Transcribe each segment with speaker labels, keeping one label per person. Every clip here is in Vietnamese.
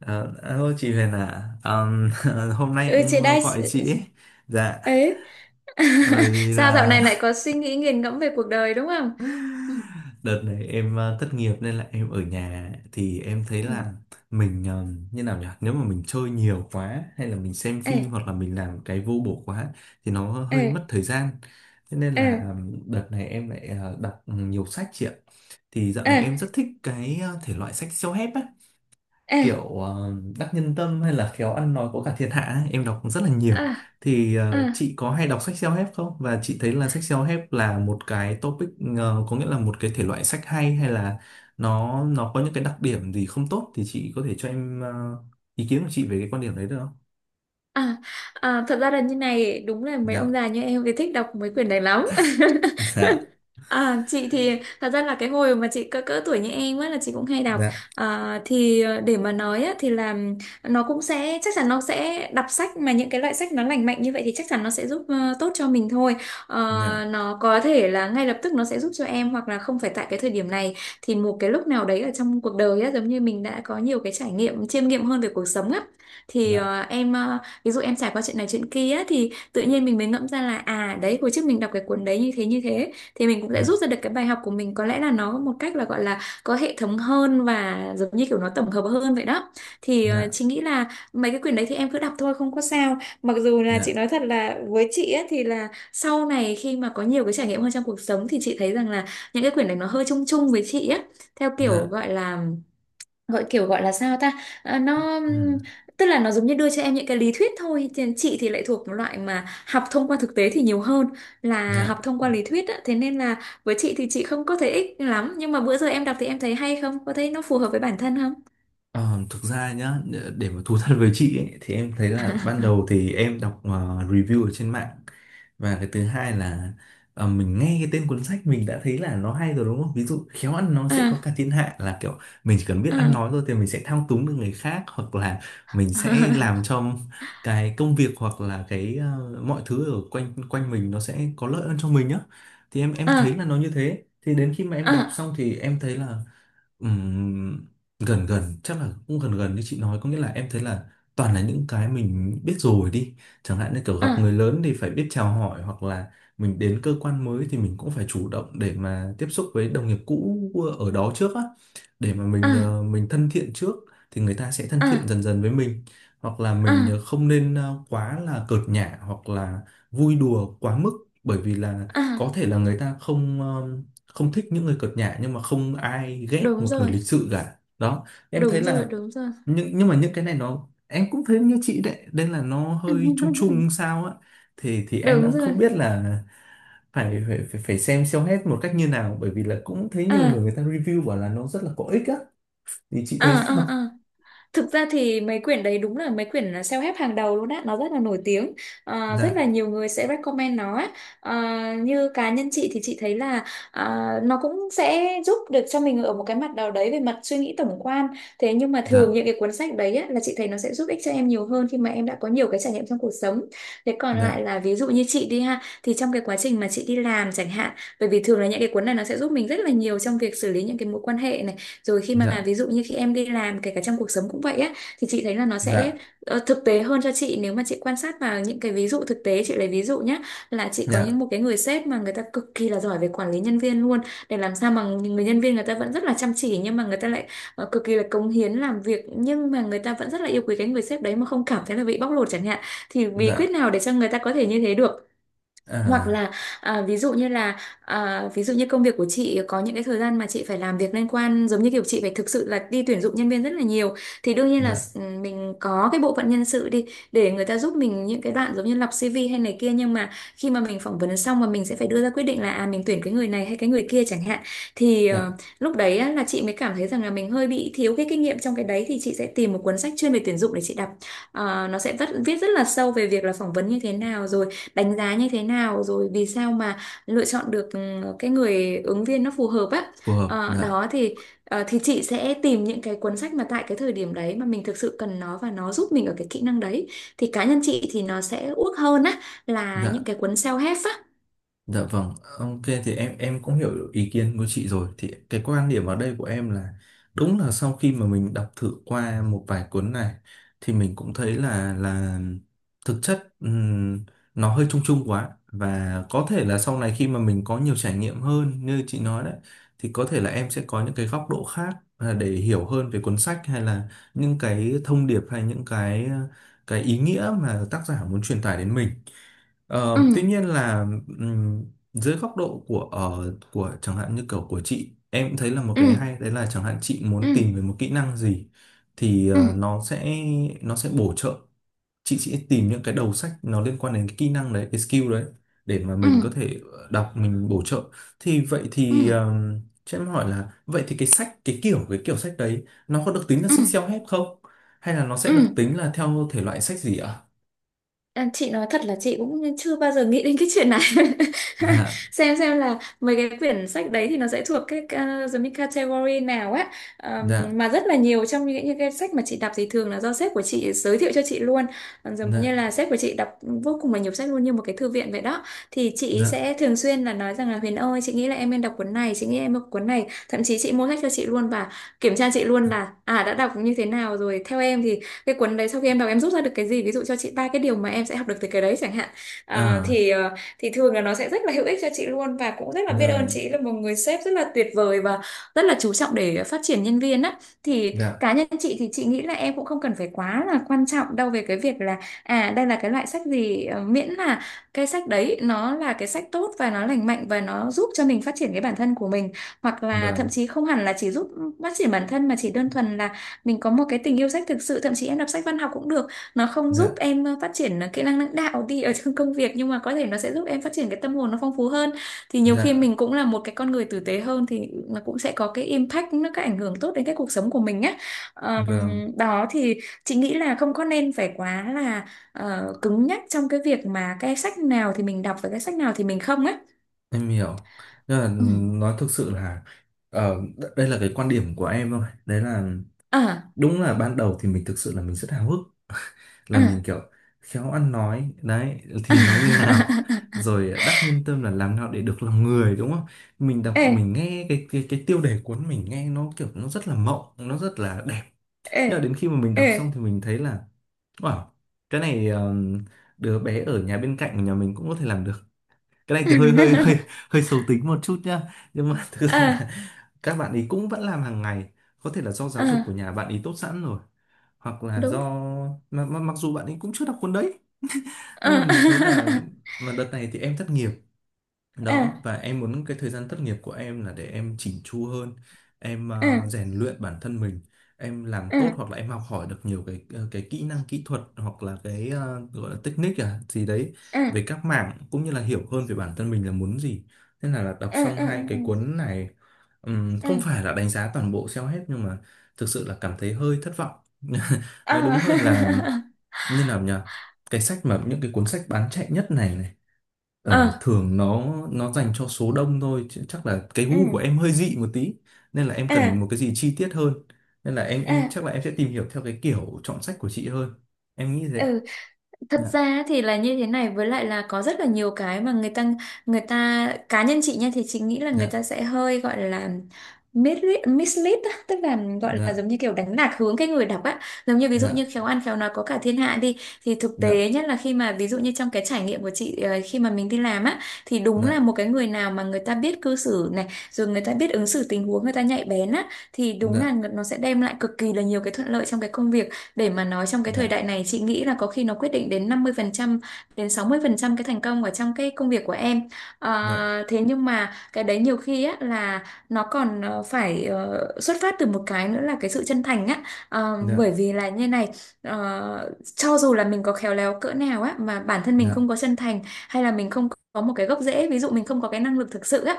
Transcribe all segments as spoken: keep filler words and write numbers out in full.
Speaker 1: Ờ, Alo chị Huyền à, Ờm, hôm nay
Speaker 2: Ừ, chị
Speaker 1: em ờ,
Speaker 2: đây.
Speaker 1: gọi chị ấy. Dạ,
Speaker 2: Ấy.
Speaker 1: bởi vì
Speaker 2: Sao dạo
Speaker 1: là
Speaker 2: này lại có suy nghĩ nghiền ngẫm về cuộc đời đúng không? Ừ.
Speaker 1: đợt này em ờ, thất nghiệp nên là em ở nhà thì em thấy
Speaker 2: Ừ.
Speaker 1: là mình ờm, như nào nhỉ? Nếu mà mình chơi nhiều quá hay là mình xem
Speaker 2: Ê.
Speaker 1: phim hoặc là mình làm cái vô bổ quá thì nó
Speaker 2: Ê.
Speaker 1: hơi mất thời gian. Thế nên
Speaker 2: Ê.
Speaker 1: là ờm, đợt này em lại ờ, đọc nhiều sách chị ạ. Thì dạo này
Speaker 2: Ê.
Speaker 1: em rất thích cái ờ, thể loại sách self-help á.
Speaker 2: Ê.
Speaker 1: Kiểu ờ, đắc nhân tâm hay là khéo ăn nói có cả thiên hạ ấy, em đọc rất là nhiều.
Speaker 2: À.
Speaker 1: Thì
Speaker 2: À.
Speaker 1: ờ, chị có hay đọc sách self-help không, và chị thấy là sách self-help là một cái topic, ờ, có nghĩa là một cái thể loại sách hay, hay là nó nó có những cái đặc điểm gì không tốt, thì chị có thể cho em ờ, ý kiến của chị về cái quan điểm đấy được không?
Speaker 2: À. À. Thật ra là như này, đúng là mấy ông
Speaker 1: Dạ,
Speaker 2: già như em thì thích đọc mấy quyển này lắm.
Speaker 1: dạ,
Speaker 2: À, chị thì thật ra là cái hồi mà chị cỡ cỡ tuổi như em á là chị cũng hay đọc.
Speaker 1: dạ,
Speaker 2: À, thì ờ, để mà nói á, thì là nó cũng sẽ chắc chắn nó sẽ đọc sách mà những cái loại sách nó lành mạnh như vậy thì chắc chắn nó sẽ giúp ờ, tốt cho mình thôi. Ờ,
Speaker 1: dạ,
Speaker 2: nó có thể là ngay lập tức nó sẽ giúp cho em hoặc là không phải tại cái thời điểm này thì một cái lúc nào đấy ở trong cuộc đời á giống như mình đã có nhiều cái trải nghiệm chiêm nghiệm hơn về cuộc sống á thì ờ, em ờ, ví dụ em trải qua chuyện này chuyện kia á, thì tự nhiên mình mới ngẫm ra là à đấy hồi trước mình đọc cái cuốn đấy như thế như thế thì mình cũng sẽ
Speaker 1: dạ,
Speaker 2: rút ra được cái bài học của mình có lẽ là nó một cách là gọi là có hệ thống hơn và giống như kiểu nó tổng hợp hơn vậy đó. Thì
Speaker 1: dạ,
Speaker 2: ờ,
Speaker 1: dạ,
Speaker 2: chị nghĩ là mấy cái quyển đấy thì em cứ đọc thôi không có sao. Mặc dù là chị
Speaker 1: dạ,
Speaker 2: nói thật là với chị ấy, thì là sau này khi mà có nhiều cái trải nghiệm hơn trong cuộc sống thì chị thấy rằng là những cái quyển này nó hơi chung chung với chị á, theo kiểu
Speaker 1: dạ,
Speaker 2: gọi là, gọi kiểu gọi là sao ta. À, nó
Speaker 1: ừ,
Speaker 2: ừm, tức là nó giống như đưa cho em những cái lý thuyết thôi. Thì chị thì lại thuộc một loại mà học thông qua thực tế thì nhiều hơn là
Speaker 1: dạ.
Speaker 2: học thông qua lý thuyết á. Thế nên là với chị thì chị không có thấy ích lắm, nhưng mà bữa giờ em đọc thì em thấy hay không, có thấy nó phù hợp với bản thân không?
Speaker 1: Ờ, Thực ra nhá, để mà thú thật với chị ấy, thì em thấy là ban đầu thì em đọc ờ, review ở trên mạng, và cái thứ hai là ờ, mình nghe cái tên cuốn sách mình đã thấy là nó hay rồi, đúng không? Ví dụ khéo ăn nói sẽ có
Speaker 2: À.
Speaker 1: cả thiên hạ là kiểu mình chỉ cần biết ăn
Speaker 2: À.
Speaker 1: nói thôi thì mình sẽ thao túng được người khác, hoặc là mình sẽ làm cho cái công việc hoặc là cái ờ, mọi thứ ở quanh quanh mình nó sẽ có lợi hơn cho mình nhá. Thì em em thấy
Speaker 2: À.
Speaker 1: là nó như thế. Thì đến khi mà em đọc
Speaker 2: À.
Speaker 1: xong thì em thấy là, Ừm, gần gần chắc là cũng gần gần như chị nói, có nghĩa là em thấy là toàn là những cái mình biết rồi đi. Chẳng hạn như kiểu gặp người
Speaker 2: À.
Speaker 1: lớn thì phải biết chào hỏi, hoặc là mình đến cơ quan mới thì mình cũng phải chủ động để mà tiếp xúc với đồng nghiệp cũ ở đó trước á, để mà mình
Speaker 2: À.
Speaker 1: ờ, mình thân thiện trước thì người ta sẽ thân thiện
Speaker 2: À.
Speaker 1: dần dần với mình. Hoặc là mình
Speaker 2: À.
Speaker 1: ờ, không nên ờ, quá là cợt nhả hoặc là vui đùa quá mức. Bởi vì là
Speaker 2: À.
Speaker 1: có thể là người ta không ờ, không thích những người cợt nhả, nhưng mà không ai ghét
Speaker 2: Đúng
Speaker 1: một người
Speaker 2: rồi.
Speaker 1: lịch sự cả đó. Em thấy
Speaker 2: Đúng rồi.
Speaker 1: là,
Speaker 2: Đúng rồi.
Speaker 1: nhưng nhưng mà những cái này nó em cũng thấy như chị đấy nên là nó hơi chung chung sao á. Thì thì em
Speaker 2: Đúng
Speaker 1: đang không
Speaker 2: rồi.
Speaker 1: biết là phải phải phải, phải xem xem hết một cách như nào, bởi vì là cũng thấy nhiều người
Speaker 2: À.
Speaker 1: người ta review bảo là nó rất là có ích á, thì chị thấy
Speaker 2: À. À.
Speaker 1: sao.
Speaker 2: À. Thực ra thì mấy quyển đấy đúng là mấy quyển self-help hàng đầu luôn á, nó rất là nổi tiếng. Ờ, rất là
Speaker 1: Dạ,
Speaker 2: nhiều người sẽ recommend nó á. Ờ, như cá nhân chị thì chị thấy là à, nó cũng sẽ giúp được cho mình ở một cái mặt nào đấy về mặt suy nghĩ tổng quan. Thế nhưng mà thường
Speaker 1: dạ,
Speaker 2: những cái cuốn sách đấy á, là chị thấy nó sẽ giúp ích cho em nhiều hơn khi mà em đã có nhiều cái trải nghiệm trong cuộc sống. Thế còn lại
Speaker 1: dạ,
Speaker 2: là ví dụ như chị đi ha, thì trong cái quá trình mà chị đi làm chẳng hạn, bởi vì thường là những cái cuốn này nó sẽ giúp mình rất là nhiều trong việc xử lý những cái mối quan hệ này, rồi khi mà
Speaker 1: dạ,
Speaker 2: ví dụ như khi em đi làm kể cả trong cuộc sống cũng vậy á, thì chị thấy là nó
Speaker 1: dạ,
Speaker 2: sẽ ờ, thực tế hơn cho chị nếu mà chị quan sát vào những cái ví dụ thực tế. Chị lấy ví dụ nhé, là chị có
Speaker 1: dạ,
Speaker 2: những một cái người sếp mà người ta cực kỳ là giỏi về quản lý nhân viên luôn, để làm sao mà người nhân viên người ta vẫn rất là chăm chỉ nhưng mà người ta lại ờ, cực kỳ là cống hiến làm việc, nhưng mà người ta vẫn rất là yêu quý cái người sếp đấy mà không cảm thấy là bị bóc lột chẳng hạn, thì bí quyết
Speaker 1: dạ,
Speaker 2: nào để cho người ta có thể như thế được. Hoặc
Speaker 1: à,
Speaker 2: là à, ví dụ như là à, ví dụ như công việc của chị có những cái thời gian mà chị phải làm việc liên quan giống như kiểu chị phải thực sự là đi tuyển dụng nhân viên rất là nhiều, thì đương nhiên là
Speaker 1: dạ,
Speaker 2: s- mình có cái bộ phận nhân sự đi để người ta giúp mình những cái đoạn giống như lọc xi vi hay này kia, nhưng mà khi mà mình phỏng vấn xong mà mình sẽ phải đưa ra quyết định là à mình tuyển cái người này hay cái người kia chẳng hạn, thì ờ,
Speaker 1: dạ,
Speaker 2: lúc đấy á, là chị mới cảm thấy rằng là mình hơi bị thiếu cái kinh nghiệm trong cái đấy, thì chị sẽ tìm một cuốn sách chuyên về tuyển dụng để chị đọc. Ờ, nó sẽ vắt- viết rất là sâu về việc là phỏng vấn như thế nào rồi đánh giá như thế nào rồi vì sao mà lựa chọn được ừ, cái người ứng viên nó phù hợp á.
Speaker 1: phù hợp,
Speaker 2: Ờ,
Speaker 1: dạ,
Speaker 2: đó thì ờ, thì chị sẽ tìm những cái cuốn sách mà tại cái thời điểm đấy mà mình thực sự cần nó và nó giúp mình ở cái kỹ năng đấy, thì cá nhân chị thì nó sẽ uốc hơn á là những
Speaker 1: dạ.
Speaker 2: cái cuốn self-help á.
Speaker 1: Dạ vâng, ok, thì em em cũng hiểu ý kiến của chị rồi. Thì cái quan điểm ở đây của em là, đúng là sau khi mà mình đọc thử qua một vài cuốn này thì mình cũng thấy là, là thực chất ừm, nó hơi chung chung quá, và có thể là sau này khi mà mình có nhiều trải nghiệm hơn như chị nói đấy, thì có thể là em sẽ có những cái góc độ khác à, để hiểu hơn về cuốn sách hay là những cái thông điệp hay những cái ờ, cái ý nghĩa mà tác giả muốn truyền tải đến mình. Ờ,
Speaker 2: Ừ.
Speaker 1: tuy nhiên là, ừm, dưới góc độ của, ờ, của chẳng hạn như kiểu của chị, em cũng thấy là một cái
Speaker 2: Ừ.
Speaker 1: hay đấy là chẳng hạn chị
Speaker 2: Ừ.
Speaker 1: muốn tìm về một kỹ năng gì thì
Speaker 2: Ừ.
Speaker 1: ờ, nó sẽ nó sẽ bổ trợ. Chị sẽ tìm những cái đầu sách nó liên quan đến cái kỹ năng đấy, cái skill đấy, để mà
Speaker 2: Ừ.
Speaker 1: mình có thể ờ, đọc mình bổ trợ. Thì vậy
Speaker 2: Ừ.
Speaker 1: thì
Speaker 2: Ừ.
Speaker 1: ờm, cho em hỏi là, vậy thì cái sách, cái kiểu cái kiểu sách đấy nó có được tính là
Speaker 2: Ừ.
Speaker 1: sách
Speaker 2: Ừ.
Speaker 1: self-help không, hay là nó sẽ được
Speaker 2: Ừ.
Speaker 1: tính là theo thể loại sách gì ạ?
Speaker 2: À, chị nói thật là chị cũng chưa bao giờ nghĩ đến cái chuyện này.
Speaker 1: Dạ,
Speaker 2: xem xem là mấy cái quyển sách đấy thì nó sẽ thuộc cái uh, giống như category nào á.
Speaker 1: dạ,
Speaker 2: Ờm, mà rất là nhiều trong những, những cái sách mà chị đọc thì thường là do sếp của chị giới thiệu cho chị luôn. Còn giống như là
Speaker 1: dạ.
Speaker 2: sếp của chị đọc vô cùng là nhiều sách luôn như một cái thư viện vậy đó, thì chị
Speaker 1: Dạ.
Speaker 2: sẽ thường xuyên là nói rằng là Huyền ơi chị nghĩ là em nên đọc cuốn này, chị nghĩ em đọc cuốn này, thậm chí chị mua sách cho chị luôn và kiểm tra chị luôn là à đã đọc như thế nào rồi, theo em thì cái cuốn đấy sau khi em đọc em rút ra được cái gì, ví dụ cho chị ba cái điều mà em sẽ học được từ cái đấy chẳng hạn. À,
Speaker 1: À,
Speaker 2: thì ờ, thì thường là nó sẽ rất là hữu ích cho chị luôn và cũng rất là biết ơn
Speaker 1: rồi,
Speaker 2: chị là một người sếp rất là tuyệt vời và rất là chú trọng để phát triển nhân viên á. Thì
Speaker 1: dạ,
Speaker 2: cá nhân chị thì chị nghĩ là em cũng không cần phải quá là quan trọng đâu về cái việc là à đây là cái loại sách gì, ờ, miễn là cái sách đấy nó là cái sách tốt và nó lành mạnh và nó giúp cho mình phát triển cái bản thân của mình, hoặc là thậm
Speaker 1: vâng,
Speaker 2: chí không hẳn là chỉ giúp phát triển bản thân mà chỉ đơn thuần là mình có một cái tình yêu sách thực sự, thậm chí em đọc sách văn học cũng được. Nó không giúp
Speaker 1: dạ,
Speaker 2: em ờ, phát triển ờ, kỹ năng lãnh đạo đi ở trong công việc, nhưng mà có thể nó sẽ giúp em phát triển cái tâm hồn nó phong phú hơn, thì nhiều khi
Speaker 1: dạ,
Speaker 2: mình cũng là một cái con người tử tế hơn thì nó cũng sẽ có cái impact nó, cái ảnh hưởng tốt đến cái cuộc sống của mình á.
Speaker 1: vâng,
Speaker 2: Ờm. Đó thì chị nghĩ là không có nên phải quá là ờ, cứng nhắc trong cái việc mà cái sách nào thì mình đọc và cái sách nào thì mình không á.
Speaker 1: em hiểu. Nhưng là,
Speaker 2: Ừ.
Speaker 1: nói thực sự là, ờ, đ- đây là cái quan điểm của em thôi. Đấy là,
Speaker 2: À.
Speaker 1: đúng là ban đầu thì mình thực sự là mình rất háo hức, là mình
Speaker 2: À.
Speaker 1: kiểu khéo ăn nói, đấy thì nói như nào, rồi đắc nhân tâm là làm nào để được lòng người, đúng không? Mình đọc
Speaker 2: Ê.
Speaker 1: mình nghe cái cái cái tiêu đề cuốn mình nghe nó kiểu nó rất là mộng, nó rất là đẹp.
Speaker 2: Ê.
Speaker 1: Nhưng mà đến khi mà mình đọc
Speaker 2: Ê.
Speaker 1: xong thì mình thấy là, wow, cái này um, đứa bé ở nhà bên cạnh của nhà mình cũng có thể làm được. Cái này thì hơi hơi hơi hơi xấu tính một chút nhá. Nhưng mà thực ra là
Speaker 2: À.
Speaker 1: các bạn ấy cũng vẫn làm hàng ngày. Có thể là do giáo dục của
Speaker 2: À.
Speaker 1: nhà bạn ấy tốt sẵn rồi. Hoặc là do,
Speaker 2: Đúng.
Speaker 1: mà, mà, mặc dù bạn ấy cũng chưa đọc cuốn đấy.
Speaker 2: À.
Speaker 1: Nên là mình thấy là, mà đợt này thì em thất nghiệp đó,
Speaker 2: À.
Speaker 1: và em muốn cái thời gian thất nghiệp của em là để em chỉnh chu hơn, em
Speaker 2: À.
Speaker 1: ờ, rèn luyện bản thân mình, em làm
Speaker 2: À.
Speaker 1: tốt,
Speaker 2: À.
Speaker 1: hoặc là em học hỏi được nhiều cái ờ, cái kỹ năng kỹ thuật, hoặc là cái ờ, gọi là technique à gì đấy
Speaker 2: À.
Speaker 1: về các mảng, cũng như là hiểu hơn về bản thân mình là muốn gì. Thế là, là đọc
Speaker 2: À.
Speaker 1: xong
Speaker 2: À.
Speaker 1: hai cái cuốn này, ừm,
Speaker 2: À. À.
Speaker 1: không phải là đánh giá toàn bộ self-help nhưng mà thực sự là cảm thấy hơi thất vọng.
Speaker 2: À.
Speaker 1: Nói đúng hơn là,
Speaker 2: À.
Speaker 1: như nào nhỉ, cái sách mà, những cái cuốn sách bán chạy nhất này này, ờ, thường nó nó dành cho số đông thôi, chứ chắc là cái
Speaker 2: À.
Speaker 1: gu của em hơi dị một tí, nên là em cần
Speaker 2: À.
Speaker 1: một cái gì chi tiết hơn. Nên là em em
Speaker 2: À.
Speaker 1: chắc là em sẽ tìm hiểu theo cái kiểu chọn sách của chị hơn. Em nghĩ
Speaker 2: À.
Speaker 1: thế.
Speaker 2: Thật
Speaker 1: Dạ,
Speaker 2: ra thì là như thế này, với lại là có rất là nhiều cái mà người ta người ta cá nhân chị nha thì chị nghĩ là người
Speaker 1: dạ,
Speaker 2: ta sẽ hơi gọi là mislead mislead á, tức là gọi là
Speaker 1: dạ,
Speaker 2: giống như kiểu đánh lạc hướng cái người đọc á. Giống như ví dụ
Speaker 1: dạ,
Speaker 2: như khéo ăn khéo nói có cả thiên hạ đi, thì thực
Speaker 1: dạ,
Speaker 2: tế nhất là khi mà ví dụ như trong cái trải nghiệm của chị ờ, khi mà mình đi làm á thì đúng
Speaker 1: dạ,
Speaker 2: là một cái người nào mà người ta biết cư xử này, rồi người ta biết ứng xử tình huống người ta nhạy bén á, thì đúng là nó sẽ đem lại cực kỳ là nhiều cái thuận lợi trong cái công việc. Để mà nói trong cái thời
Speaker 1: dạ,
Speaker 2: đại này chị nghĩ là có khi nó quyết định đến năm mươi phần trăm đến sáu mươi phần trăm cái thành công ở trong cái công việc của em.
Speaker 1: dạ,
Speaker 2: Ờ, thế nhưng mà cái đấy nhiều khi á là nó còn ờ, phải ờ, xuất phát Từ một cái nữa là cái sự chân thành á. Ờ,
Speaker 1: dạ,
Speaker 2: bởi vì là như này, ờ, cho dù là mình có khéo léo cỡ nào á mà bản thân mình
Speaker 1: dạ,
Speaker 2: không có chân thành, hay là mình không có một cái gốc rễ, ví dụ mình không có cái năng lực thực sự á,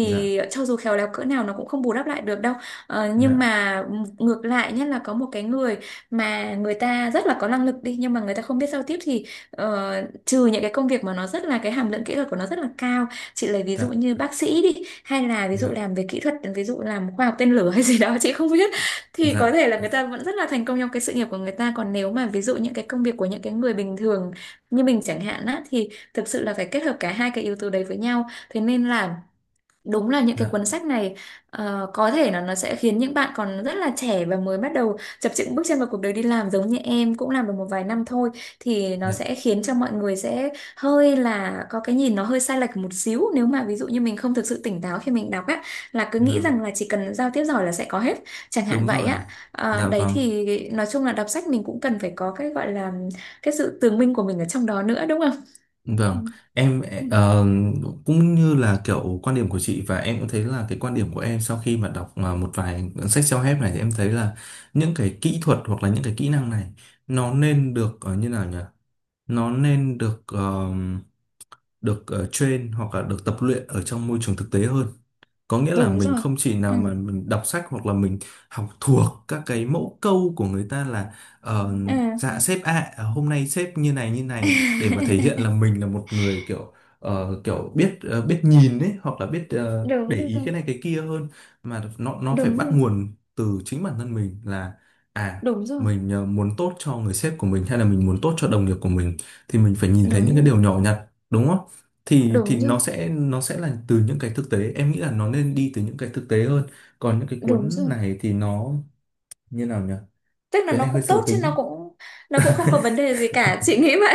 Speaker 1: dạ,
Speaker 2: cho dù khéo léo cỡ nào nó cũng không bù đắp lại được đâu. Ờ, nhưng
Speaker 1: dạ,
Speaker 2: mà ngược lại nhất là có một cái người mà người ta rất là có năng lực đi, nhưng mà người ta không biết giao tiếp thì ờ, trừ những cái công việc mà nó rất là, cái hàm lượng kỹ thuật của nó rất là cao, chị lấy ví
Speaker 1: dạ,
Speaker 2: dụ như
Speaker 1: dạ,
Speaker 2: bác sĩ đi, hay là ví dụ
Speaker 1: dạ,
Speaker 2: làm về kỹ thuật, ví dụ làm khoa học tên lửa hay gì đó chị không biết, thì có
Speaker 1: dạ,
Speaker 2: thể
Speaker 1: dạ,
Speaker 2: là người ta vẫn rất là thành công trong cái sự nghiệp của người ta. Còn nếu mà ví dụ những cái công việc của những cái người bình thường như mình chẳng hạn á, thì thực sự là phải kết hợp cả hai cái yếu tố đấy với nhau. Thế nên là đúng là những cái
Speaker 1: dạ,
Speaker 2: cuốn sách này ờ, có thể là nó sẽ khiến những bạn còn rất là trẻ và mới bắt đầu chập chững bước chân vào cuộc đời đi làm, giống như em cũng làm được một vài năm thôi, thì nó
Speaker 1: dạ,
Speaker 2: sẽ khiến cho mọi người sẽ hơi là có cái nhìn nó hơi sai lệch một xíu, nếu mà ví dụ như mình không thực sự tỉnh táo khi mình đọc á, là cứ nghĩ
Speaker 1: vâng,
Speaker 2: rằng là chỉ cần giao tiếp giỏi là sẽ có hết, chẳng hạn
Speaker 1: đúng
Speaker 2: vậy
Speaker 1: rồi,
Speaker 2: á. Ờ,
Speaker 1: dạ
Speaker 2: đấy
Speaker 1: vâng.
Speaker 2: thì nói chung là đọc sách mình cũng cần phải có cái gọi là cái sự tường minh của mình ở trong đó nữa, đúng không?
Speaker 1: Vâng.
Speaker 2: Ừ.
Speaker 1: Em
Speaker 2: Ừ.
Speaker 1: ờ, cũng như là kiểu quan điểm của chị, và em cũng thấy là, cái quan điểm của em sau khi mà đọc mà một vài sách self-help này thì em thấy là, những cái kỹ thuật hoặc là những cái kỹ năng này nó nên được, ờ, như nào nhỉ? Nó nên được ờ, được ờ, train hoặc là được tập luyện ở trong môi trường thực tế hơn. Có nghĩa là
Speaker 2: Đúng
Speaker 1: mình
Speaker 2: rồi.
Speaker 1: không chỉ
Speaker 2: Ừ.
Speaker 1: nào mà mình đọc sách hoặc là mình học thuộc các cái mẫu câu của người ta là, ờ,
Speaker 2: Ừ.
Speaker 1: dạ sếp ạ, à, hôm nay sếp như này như này, để mà thể hiện là mình là một người kiểu ờ, kiểu biết ờ, biết nhìn ấy, hoặc là biết ờ,
Speaker 2: Đúng
Speaker 1: để
Speaker 2: rồi,
Speaker 1: ý cái này cái kia hơn. Mà nó nó phải
Speaker 2: đúng
Speaker 1: bắt
Speaker 2: rồi,
Speaker 1: nguồn từ chính bản thân mình là, à,
Speaker 2: đúng rồi,
Speaker 1: mình ờ, muốn tốt cho người sếp của mình, hay là mình muốn tốt cho đồng nghiệp của mình, thì mình phải nhìn thấy
Speaker 2: đúng
Speaker 1: những cái
Speaker 2: rồi,
Speaker 1: điều nhỏ nhặt, đúng không? thì thì
Speaker 2: đúng rồi,
Speaker 1: nó sẽ nó sẽ là từ những cái thực tế. Em nghĩ là nó nên đi từ những cái thực tế hơn. Còn những cái
Speaker 2: đúng
Speaker 1: cuốn
Speaker 2: rồi.
Speaker 1: này thì nó, như nào nhỉ,
Speaker 2: Tức là
Speaker 1: cái
Speaker 2: nó
Speaker 1: này hơi
Speaker 2: cũng
Speaker 1: sâu
Speaker 2: tốt chứ, nó
Speaker 1: tính.
Speaker 2: cũng, nó cũng không có vấn đề gì cả, chị nghĩ vậy.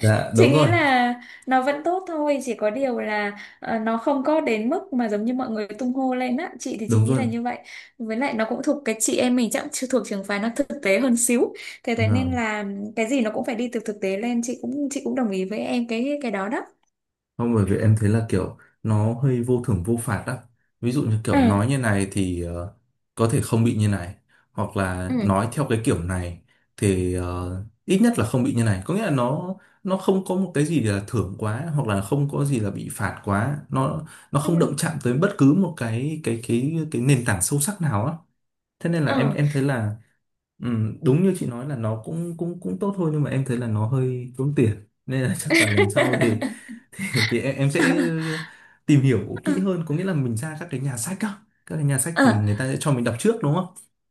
Speaker 1: Dạ
Speaker 2: Chị
Speaker 1: đúng
Speaker 2: nghĩ
Speaker 1: rồi,
Speaker 2: là nó vẫn tốt thôi, chỉ có điều là ờ, nó không có đến mức mà giống như mọi người tung hô lên á, chị thì chị
Speaker 1: đúng
Speaker 2: nghĩ là
Speaker 1: rồi.
Speaker 2: như vậy. Với lại nó cũng thuộc cái, chị em mình chắc cũng chưa thuộc trường phái, nó thực tế hơn xíu. Thế Thế nên
Speaker 1: Rồi.
Speaker 2: là cái gì nó cũng phải đi từ thực tế lên. Chị cũng chị cũng đồng ý với em cái cái đó đó.
Speaker 1: Không, bởi vì em thấy là kiểu nó hơi vô thưởng vô phạt á. Ví dụ như kiểu
Speaker 2: Ừ.
Speaker 1: nói như này thì ờ, có thể không bị như này. Hoặc là nói
Speaker 2: Ừ.
Speaker 1: theo cái kiểu này thì ờ, ít nhất là không bị như này. Có nghĩa là nó nó không có một cái gì là thưởng quá, hoặc là không có gì là bị phạt quá. Nó nó
Speaker 2: Ừ.
Speaker 1: không động chạm tới bất cứ một cái cái cái cái nền tảng sâu sắc nào á. Thế nên là em
Speaker 2: Ừ.
Speaker 1: em thấy là, ừm, đúng như chị nói là nó cũng cũng cũng tốt thôi, nhưng mà em thấy là nó hơi tốn tiền. Nên là chắc là lần sau thì, thì, thì em, em sẽ
Speaker 2: À,
Speaker 1: tìm hiểu kỹ hơn, có nghĩa là mình ra các cái nhà sách á. Các cái nhà sách thì người ta sẽ cho mình đọc trước, đúng không?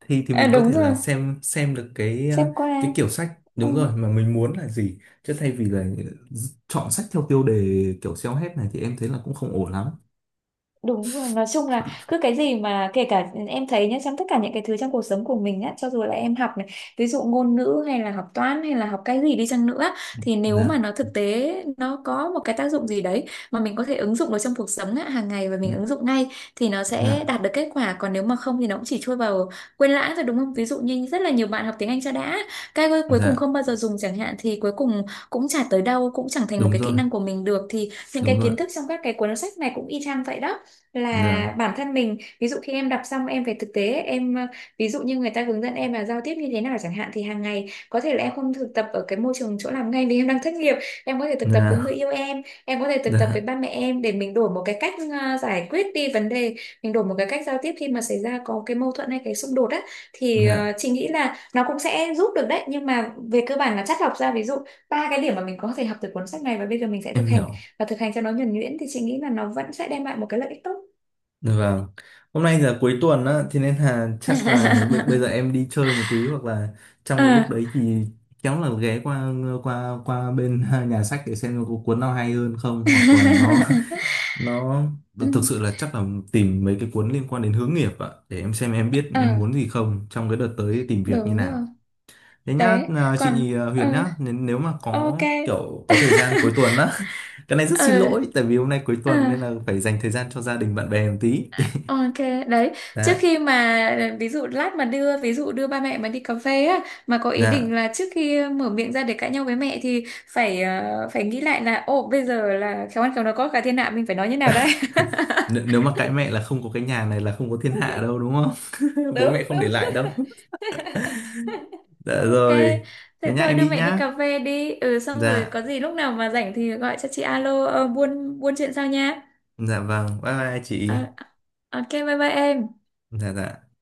Speaker 1: Thì thì
Speaker 2: à,
Speaker 1: mình có
Speaker 2: đúng
Speaker 1: thể
Speaker 2: rồi,
Speaker 1: là xem xem được cái
Speaker 2: xếp
Speaker 1: ờ, cái
Speaker 2: qua.
Speaker 1: kiểu sách
Speaker 2: Ừ.
Speaker 1: đúng rồi mà mình muốn là gì, chứ thay vì là chọn sách theo tiêu đề kiểu xéo hết này thì em thấy là cũng không ổn lắm.
Speaker 2: Đúng rồi, nói chung là cứ cái gì mà, kể cả em thấy nhá, trong tất cả những cái thứ trong cuộc sống của mình á, cho dù là em học này, ví dụ ngôn ngữ hay là học toán hay là học cái gì đi chăng nữa, thì nếu mà
Speaker 1: Dạ,
Speaker 2: nó thực tế, nó có một cái tác dụng gì đấy mà mình có thể ứng dụng được trong cuộc sống á, hàng ngày và
Speaker 1: ừ,
Speaker 2: mình ứng dụng ngay, thì nó sẽ
Speaker 1: dạ,
Speaker 2: đạt được kết quả. Còn nếu mà không thì nó cũng chỉ trôi vào quên lãng thôi, đúng không? Ví dụ như rất là nhiều bạn học tiếng Anh cho đã, cái cuối cùng
Speaker 1: dạ,
Speaker 2: không bao giờ dùng chẳng hạn, thì cuối cùng cũng chả tới đâu, cũng chẳng thành một
Speaker 1: đúng
Speaker 2: cái kỹ
Speaker 1: rồi,
Speaker 2: năng của mình được. Thì những
Speaker 1: đúng
Speaker 2: cái
Speaker 1: rồi,
Speaker 2: kiến thức trong các cái cuốn sách này cũng y chang vậy đó, là
Speaker 1: dạ,
Speaker 2: bản thân mình, ví dụ khi em đọc xong em về thực tế em ờ, ví dụ như người ta hướng dẫn em là giao tiếp như thế nào chẳng hạn, thì hàng ngày có thể là em không thực tập ở cái môi trường chỗ làm ngay vì em đang thất nghiệp, em có thể thực tập với người
Speaker 1: dạ,
Speaker 2: yêu em em có thể thực tập với
Speaker 1: dạ,
Speaker 2: ba mẹ em, để mình đổi một cái cách ờ, giải quyết đi vấn đề, mình đổi một cái cách giao tiếp khi mà xảy ra có cái mâu thuẫn hay cái xung đột á, thì ờ,
Speaker 1: dạ,
Speaker 2: chị nghĩ là nó cũng sẽ giúp được đấy. Nhưng mà về cơ bản là chắt lọc ra, ví dụ ba cái điểm mà mình có thể học từ cuốn sách này và bây giờ mình sẽ
Speaker 1: em
Speaker 2: thực hành,
Speaker 1: hiểu.
Speaker 2: và thực hành cho nó nhuần nhuyễn, thì chị nghĩ là nó vẫn sẽ đem lại một cái lợi ích tốt.
Speaker 1: Dạ vâng. Hôm nay giờ cuối tuần á, thế nên là chắc là b- bây giờ em đi chơi một tí, hoặc là
Speaker 2: Ờ.
Speaker 1: trong cái lúc đấy thì khéo là ghé qua qua qua bên nhà sách để xem có cuốn nào hay hơn không, hoặc là nó nó
Speaker 2: Ừ,
Speaker 1: thực sự là chắc là tìm mấy cái cuốn liên quan đến hướng nghiệp ạ, để em xem em biết
Speaker 2: ờ,
Speaker 1: em muốn gì không trong cái đợt tới tìm việc như
Speaker 2: đúng
Speaker 1: nào.
Speaker 2: rồi.
Speaker 1: Thế nhá,
Speaker 2: Đấy.
Speaker 1: à,
Speaker 2: Còn
Speaker 1: chị à,
Speaker 2: ờ,
Speaker 1: Huyền nhá, nên nếu mà có
Speaker 2: ok.
Speaker 1: kiểu có thời gian cuối tuần á, cái này rất
Speaker 2: Ờ.
Speaker 1: xin lỗi tại vì hôm nay cuối
Speaker 2: Ờ,
Speaker 1: tuần nên là phải dành thời gian cho gia đình bạn bè một tí.
Speaker 2: ok. Đấy, trước
Speaker 1: Dạ.
Speaker 2: khi mà ờ, ví dụ lát mà đưa, ví dụ đưa ba mẹ mà đi cà phê á, mà có ý định
Speaker 1: Dạ,
Speaker 2: là trước khi mở miệng ra để cãi nhau với mẹ, thì phải ờ, phải nghĩ lại là, ồ bây giờ là khéo ăn khéo nói có cả thiên hạ, mình phải nói như nào đây.
Speaker 1: N nếu mà cãi mẹ là không có cái nhà này là không có thiên hạ đâu, đúng không? Bố
Speaker 2: Đúng,
Speaker 1: mẹ không để
Speaker 2: đúng.
Speaker 1: lại đâu. Dạ
Speaker 2: Ok,
Speaker 1: rồi. Thế
Speaker 2: thế
Speaker 1: nhá,
Speaker 2: thôi
Speaker 1: em
Speaker 2: đưa
Speaker 1: đi
Speaker 2: mẹ đi
Speaker 1: nhá.
Speaker 2: cà phê đi. Ừ, xong rồi
Speaker 1: Dạ,
Speaker 2: có gì lúc nào mà rảnh thì gọi cho chị, alo ờ, buôn buôn chuyện sau nha.
Speaker 1: dạ vâng. Bye bye chị.
Speaker 2: Ờ, ok, bye bye em.
Speaker 1: Dạ dạ.